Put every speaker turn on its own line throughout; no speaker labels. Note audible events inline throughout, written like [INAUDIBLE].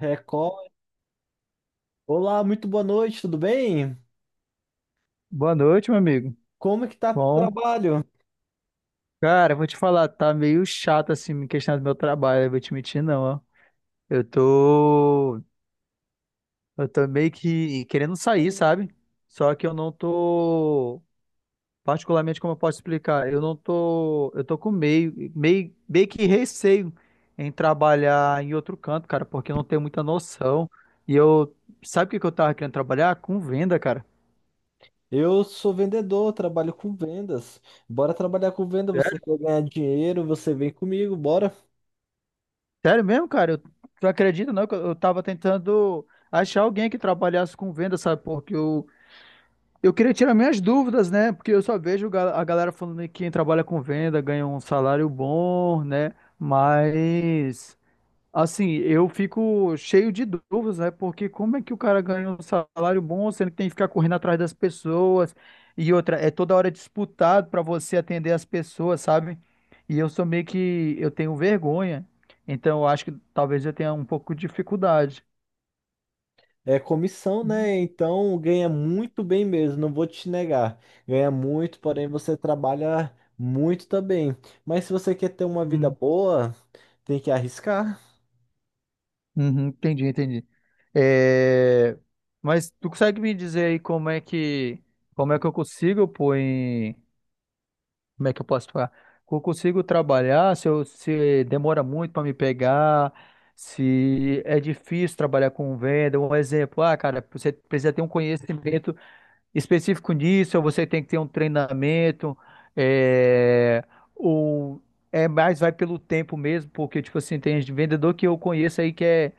Record. Olá, muito boa noite, tudo bem?
Boa noite, meu amigo.
Como é que tá o
Bom,
trabalho?
cara, eu vou te falar, tá meio chato assim me questionar do meu trabalho, eu vou te mentir não, ó. Eu tô, eu tô meio que querendo sair, sabe? Só que eu não tô, particularmente como eu posso explicar, eu não tô, eu tô com meio que receio em trabalhar em outro canto, cara, porque eu não tenho muita noção. E eu, sabe o que que eu tava querendo trabalhar? Com venda, cara.
Eu sou vendedor, trabalho com vendas. Bora trabalhar com venda, você quer ganhar dinheiro, você vem comigo, bora.
Sério mesmo, cara? Tu acredita, não? Que eu tava tentando achar alguém que trabalhasse com venda, sabe? Porque eu queria tirar minhas dúvidas, né? Porque eu só vejo a galera falando que quem trabalha com venda ganha um salário bom, né? Assim, eu fico cheio de dúvidas, né? Porque como é que o cara ganha um salário bom, sendo que tem que ficar correndo atrás das pessoas e outra, é toda hora disputado para você atender as pessoas, sabe? E eu sou meio que, eu tenho vergonha, então eu acho que talvez eu tenha um pouco de dificuldade.
É comissão, né? Então ganha muito bem mesmo, não vou te negar. Ganha muito, porém você trabalha muito também. Mas se você quer ter uma vida
Uhum,
boa, tem que arriscar.
uhum, entendi, entendi. É, mas tu consegue me dizer aí como é que eu consigo, pô, como é que eu posso falar? Eu consigo trabalhar se demora muito para me pegar, se é difícil trabalhar com venda. Um exemplo, ah, cara, você precisa ter um conhecimento específico nisso, ou você tem que ter um treinamento, é, ou é mais vai pelo tempo mesmo, porque, tipo assim, tem vendedor que eu conheço aí que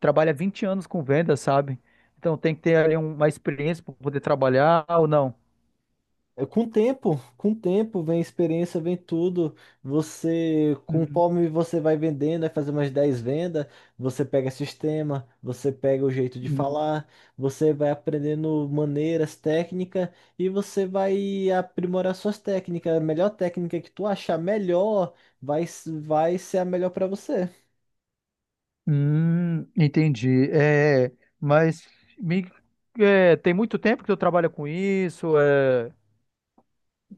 trabalha 20 anos com venda, sabe? Então tem que ter ali um, uma experiência para poder trabalhar ou não.
É, com o tempo, com o tempo, vem experiência, vem tudo. Você,
Uhum,
conforme você vai vendendo, vai fazer umas 10 vendas, você pega sistema, você pega o jeito de
uhum.
falar, você vai aprendendo maneiras, técnica, e você vai aprimorar suas técnicas. A melhor técnica que tu achar melhor vai ser a melhor para você.
Entendi. É, mas me- tem muito tempo que tu trabalha com isso,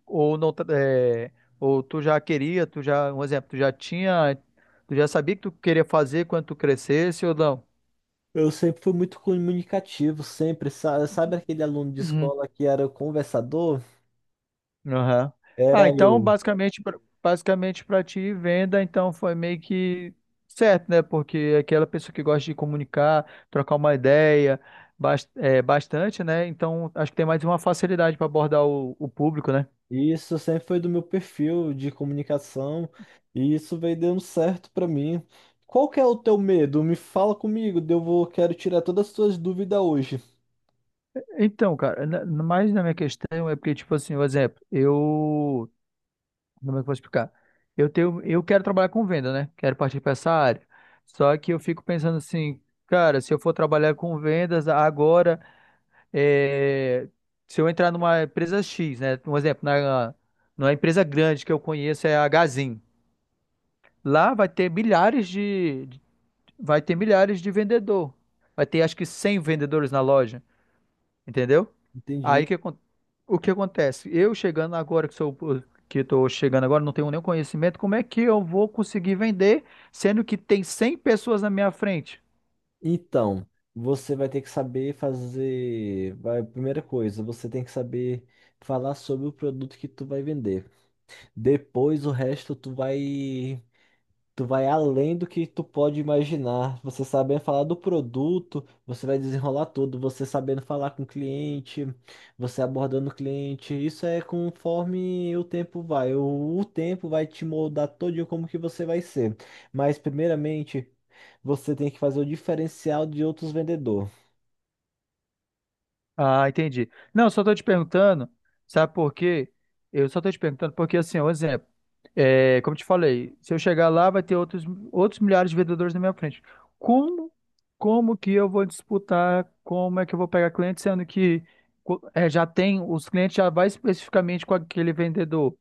ou não, ou tu já queria, tu já, um exemplo, tu já tinha, tu já sabia que tu queria fazer quando tu crescesse ou não?
Eu sempre fui muito comunicativo, sempre. Sabe aquele aluno de escola que era o conversador?
Aham. Ah,
Era
então
eu.
basicamente para ti venda então foi meio que certo, né? Porque é aquela pessoa que gosta de comunicar, trocar uma ideia, bastante, né? Então acho que tem mais uma facilidade para abordar o público, né?
E isso sempre foi do meu perfil de comunicação e isso veio dando certo pra mim. Qual que é o teu medo? Me fala comigo, eu vou, quero tirar todas as tuas dúvidas hoje.
Então, cara, mais na minha questão é porque, tipo assim, por exemplo, eu como é que eu vou explicar? Eu quero trabalhar com venda, né? Quero partir para essa área. Só que eu fico pensando assim, cara, se eu for trabalhar com vendas agora, é, se eu entrar numa empresa X, né? Um exemplo, na, numa empresa grande que eu conheço é a Gazin. Lá vai ter milhares de- Vai ter milhares de vendedor. Vai ter acho que 100 vendedores na loja, entendeu? Aí
Entendi.
que acon- o que acontece? Eu chegando agora que estou chegando agora, não tenho nenhum conhecimento, como é que eu vou conseguir vender, sendo que tem 100 pessoas na minha frente?
Então, você vai ter que saber fazer, vai, primeira coisa, você tem que saber falar sobre o produto que tu vai vender. Depois o resto tu vai. Tu vai além do que tu pode imaginar. Você sabendo falar do produto, você vai desenrolar tudo. Você sabendo falar com o cliente, você abordando o cliente. Isso é conforme o tempo vai. O tempo vai te moldar todinho como que você vai ser. Mas primeiramente, você tem que fazer o diferencial de outros vendedores.
Ah, entendi. Não, só estou te perguntando, sabe por quê? Eu só estou te perguntando porque, assim, um exemplo, é, como eu te falei, se eu chegar lá, vai ter outros milhares de vendedores na minha frente. Como, como que eu vou disputar? Como é que eu vou pegar cliente, sendo que já tem, os clientes já vai especificamente com aquele vendedor?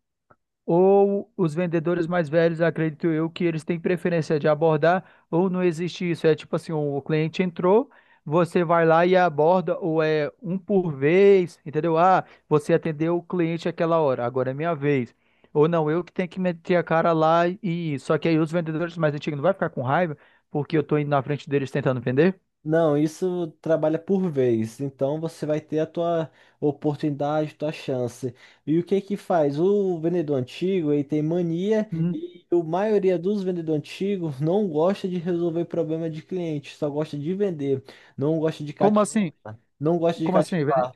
Ou os vendedores mais velhos, acredito eu, que eles têm preferência de abordar, ou não existe isso. É tipo assim, o cliente entrou, você vai lá e aborda, ou é um por vez, entendeu? Ah, você atendeu o cliente aquela hora, agora é minha vez. Ou não, eu que tenho que meter a cara lá e. Só que aí os vendedores mais antigos não vai ficar com raiva, porque eu tô indo na frente deles tentando vender?
Não, isso trabalha por vez. Então você vai ter a tua oportunidade, tua chance. E o que que faz? O vendedor antigo, ele tem mania,
Hum,
e a maioria dos vendedores antigos não gosta de resolver problema de cliente, só gosta de vender, não gosta de
Como
cativar,
assim?
não gosta de
Como assim?
cativar.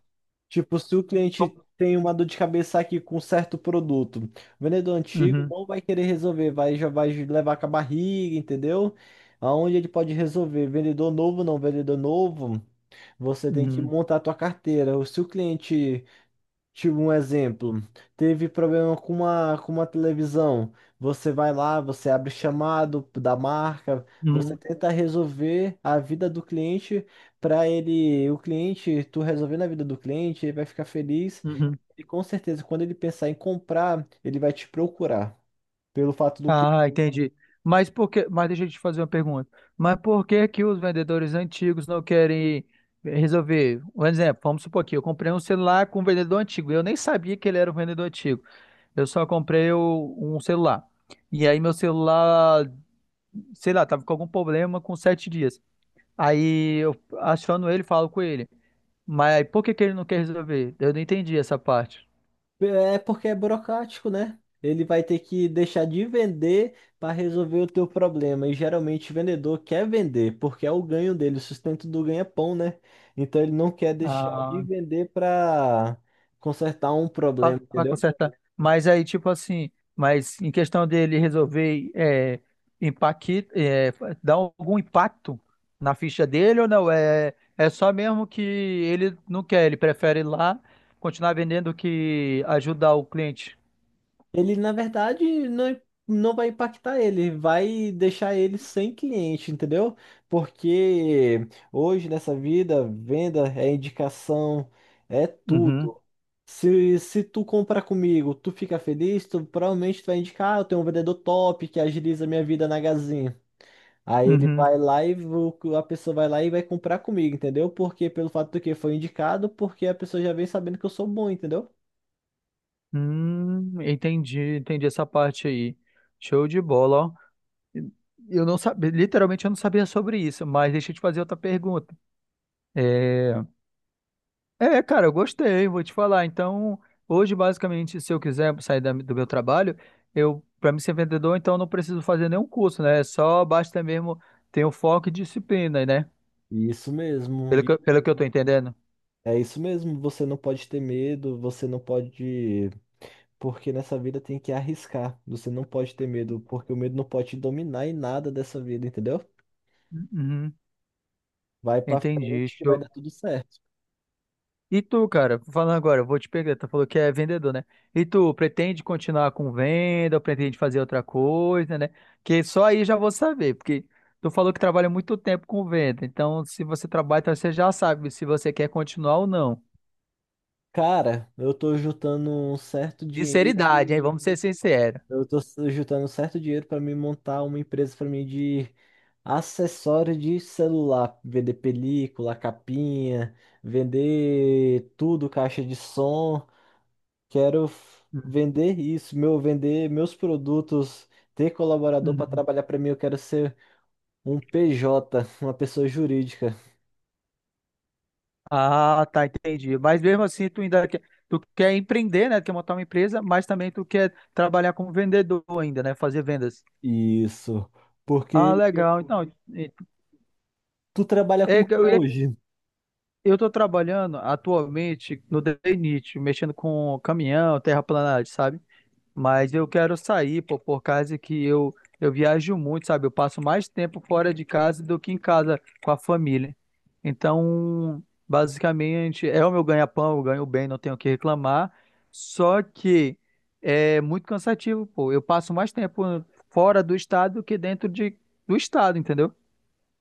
Tipo, se o cliente
Como...
tem uma dor de cabeça aqui com um certo produto, o vendedor antigo
Uhum,
não vai querer resolver, vai, já vai levar com a barriga, entendeu? Aonde ele pode resolver? Vendedor novo, não, vendedor novo, você tem que
uhum,
montar a tua carteira. Se o cliente, tipo, um exemplo, teve problema com uma televisão. Você vai lá, você abre chamado da marca, você
uhum,
tenta resolver a vida do cliente para ele, o cliente, tu resolvendo a vida do cliente, ele vai ficar feliz
uhum.
e com certeza quando ele pensar em comprar, ele vai te procurar pelo fato do.
Ah, entendi. Mas por que, mas deixa eu te fazer uma pergunta. Mas por que que os vendedores antigos não querem resolver? Um exemplo, vamos supor aqui, eu comprei um celular com um vendedor antigo. Eu nem sabia que ele era um vendedor antigo. Eu só comprei um celular. E aí meu celular, sei lá, tava com algum problema com 7 dias. Aí eu achando ele, falo com ele. Mas por que que ele não quer resolver? Eu não entendi essa parte.
É porque é burocrático, né? Ele vai ter que deixar de vender para resolver o teu problema. E geralmente o vendedor quer vender, porque é o ganho dele, o sustento do ganha-pão, né? Então ele não quer deixar de vender para consertar um
Pra,
problema,
pra
entendeu?
consertar. Mas aí, tipo assim, mas em questão dele resolver impacti- é, dar algum impacto na ficha dele ou não? É, é só mesmo que ele não quer, ele prefere ir lá continuar vendendo que ajudar o cliente.
Ele, na verdade, não, não vai impactar ele, vai deixar ele sem cliente, entendeu? Porque hoje nessa vida, venda é indicação, é
Uhum,
tudo. Se tu comprar comigo, tu fica feliz, tu provavelmente tu vai indicar, "Ah, eu tenho um vendedor top que agiliza minha vida na Gazin." Aí ele
uhum.
vai lá e a pessoa vai lá e vai comprar comigo, entendeu? Porque pelo fato do que foi indicado, porque a pessoa já vem sabendo que eu sou bom, entendeu?
Entendi, entendi essa parte aí. Show de bola, ó. Eu não sabia, literalmente eu não sabia sobre isso, mas deixa eu te fazer outra pergunta. É, é, cara, eu gostei, vou te falar. Então, hoje, basicamente, se eu quiser sair do meu trabalho, para mim ser vendedor, então eu não preciso fazer nenhum curso, né? Só basta mesmo ter o foco e disciplina, né?
Isso mesmo.
Pelo que eu tô entendendo.
É isso mesmo, você não pode ter medo, você não pode. Porque nessa vida tem que arriscar. Você não pode ter medo, porque o medo não pode te dominar em nada dessa vida, entendeu?
Uhum,
Vai pra
entendi.
frente que vai dar tudo certo.
E tu, cara, falando agora, eu vou te pegar, tu falou que é vendedor, né? E tu, pretende continuar com venda, ou pretende fazer outra coisa, né? Que só aí já vou saber, porque tu falou que trabalha muito tempo com venda, então se você trabalha, então você já sabe se você quer continuar ou não.
Cara, eu tô juntando um certo dinheiro,
Sinceridade, hein? Vamos ser sinceros.
eu tô juntando um certo dinheiro pra me montar uma empresa pra mim de acessório de celular, vender película, capinha, vender tudo, caixa de som. Quero
Uhum.
vender isso, meu, vender meus produtos, ter colaborador para
Uhum.
trabalhar para mim. Eu quero ser um PJ, [LAUGHS] uma pessoa jurídica.
Ah, tá, entendi. Mas mesmo assim, tu ainda quer, tu quer empreender, né? Quer montar uma empresa, mas também tu quer trabalhar como vendedor ainda, né? Fazer vendas.
Isso.
Ah,
Porque
legal. Então, e-
tu trabalha com
é,
o que
eu ia
hoje?
Eu estou trabalhando atualmente no DNIT, mexendo com caminhão, terraplanagem, sabe? Mas eu quero sair, pô, por causa que eu viajo muito, sabe? Eu passo mais tempo fora de casa do que em casa com a família. Então, basicamente, é o meu ganha-pão, eu ganho bem, não tenho o que reclamar. Só que é muito cansativo, pô. Eu passo mais tempo fora do estado do que dentro do estado, entendeu?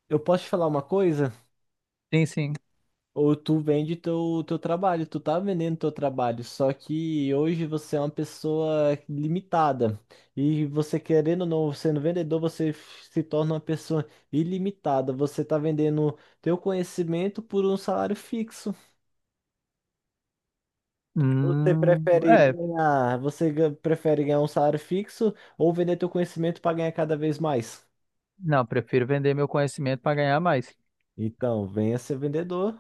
Eu posso te falar uma coisa?
Sim, sim.
Ou tu vende teu, teu trabalho, tu tá vendendo teu trabalho, só que hoje você é uma pessoa limitada. E você querendo ou não, sendo vendedor, você se torna uma pessoa ilimitada. Você tá vendendo teu conhecimento por um salário fixo. Você
Hum,
prefere
é,
ganhar, você prefere ganhar um salário fixo ou vender teu conhecimento para ganhar cada vez mais?
não, prefiro vender meu conhecimento para ganhar mais.
Então, venha ser vendedor.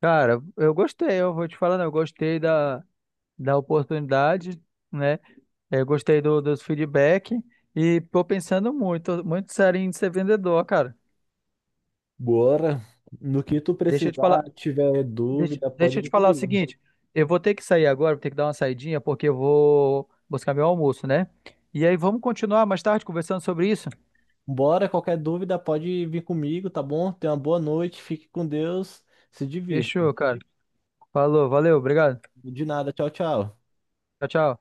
Cara, eu gostei, eu vou te falando, eu gostei da oportunidade, né? Eu gostei do, dos feedback e tô pensando muito, muito sério em ser vendedor, cara.
Bora. No que tu
Deixa eu te falar,
precisar, tiver
deixa,
dúvida, pode
deixa eu te
vir
falar o
comigo.
seguinte, eu vou ter que sair agora, vou ter que dar uma saidinha porque eu vou buscar meu almoço, né? E aí vamos continuar mais tarde conversando sobre isso?
Bora, qualquer dúvida pode vir comigo, tá bom? Tenha uma boa noite, fique com Deus, se divirta.
Fechou, cara. Falou, valeu, obrigado.
De nada, tchau, tchau.
Tchau, tchau.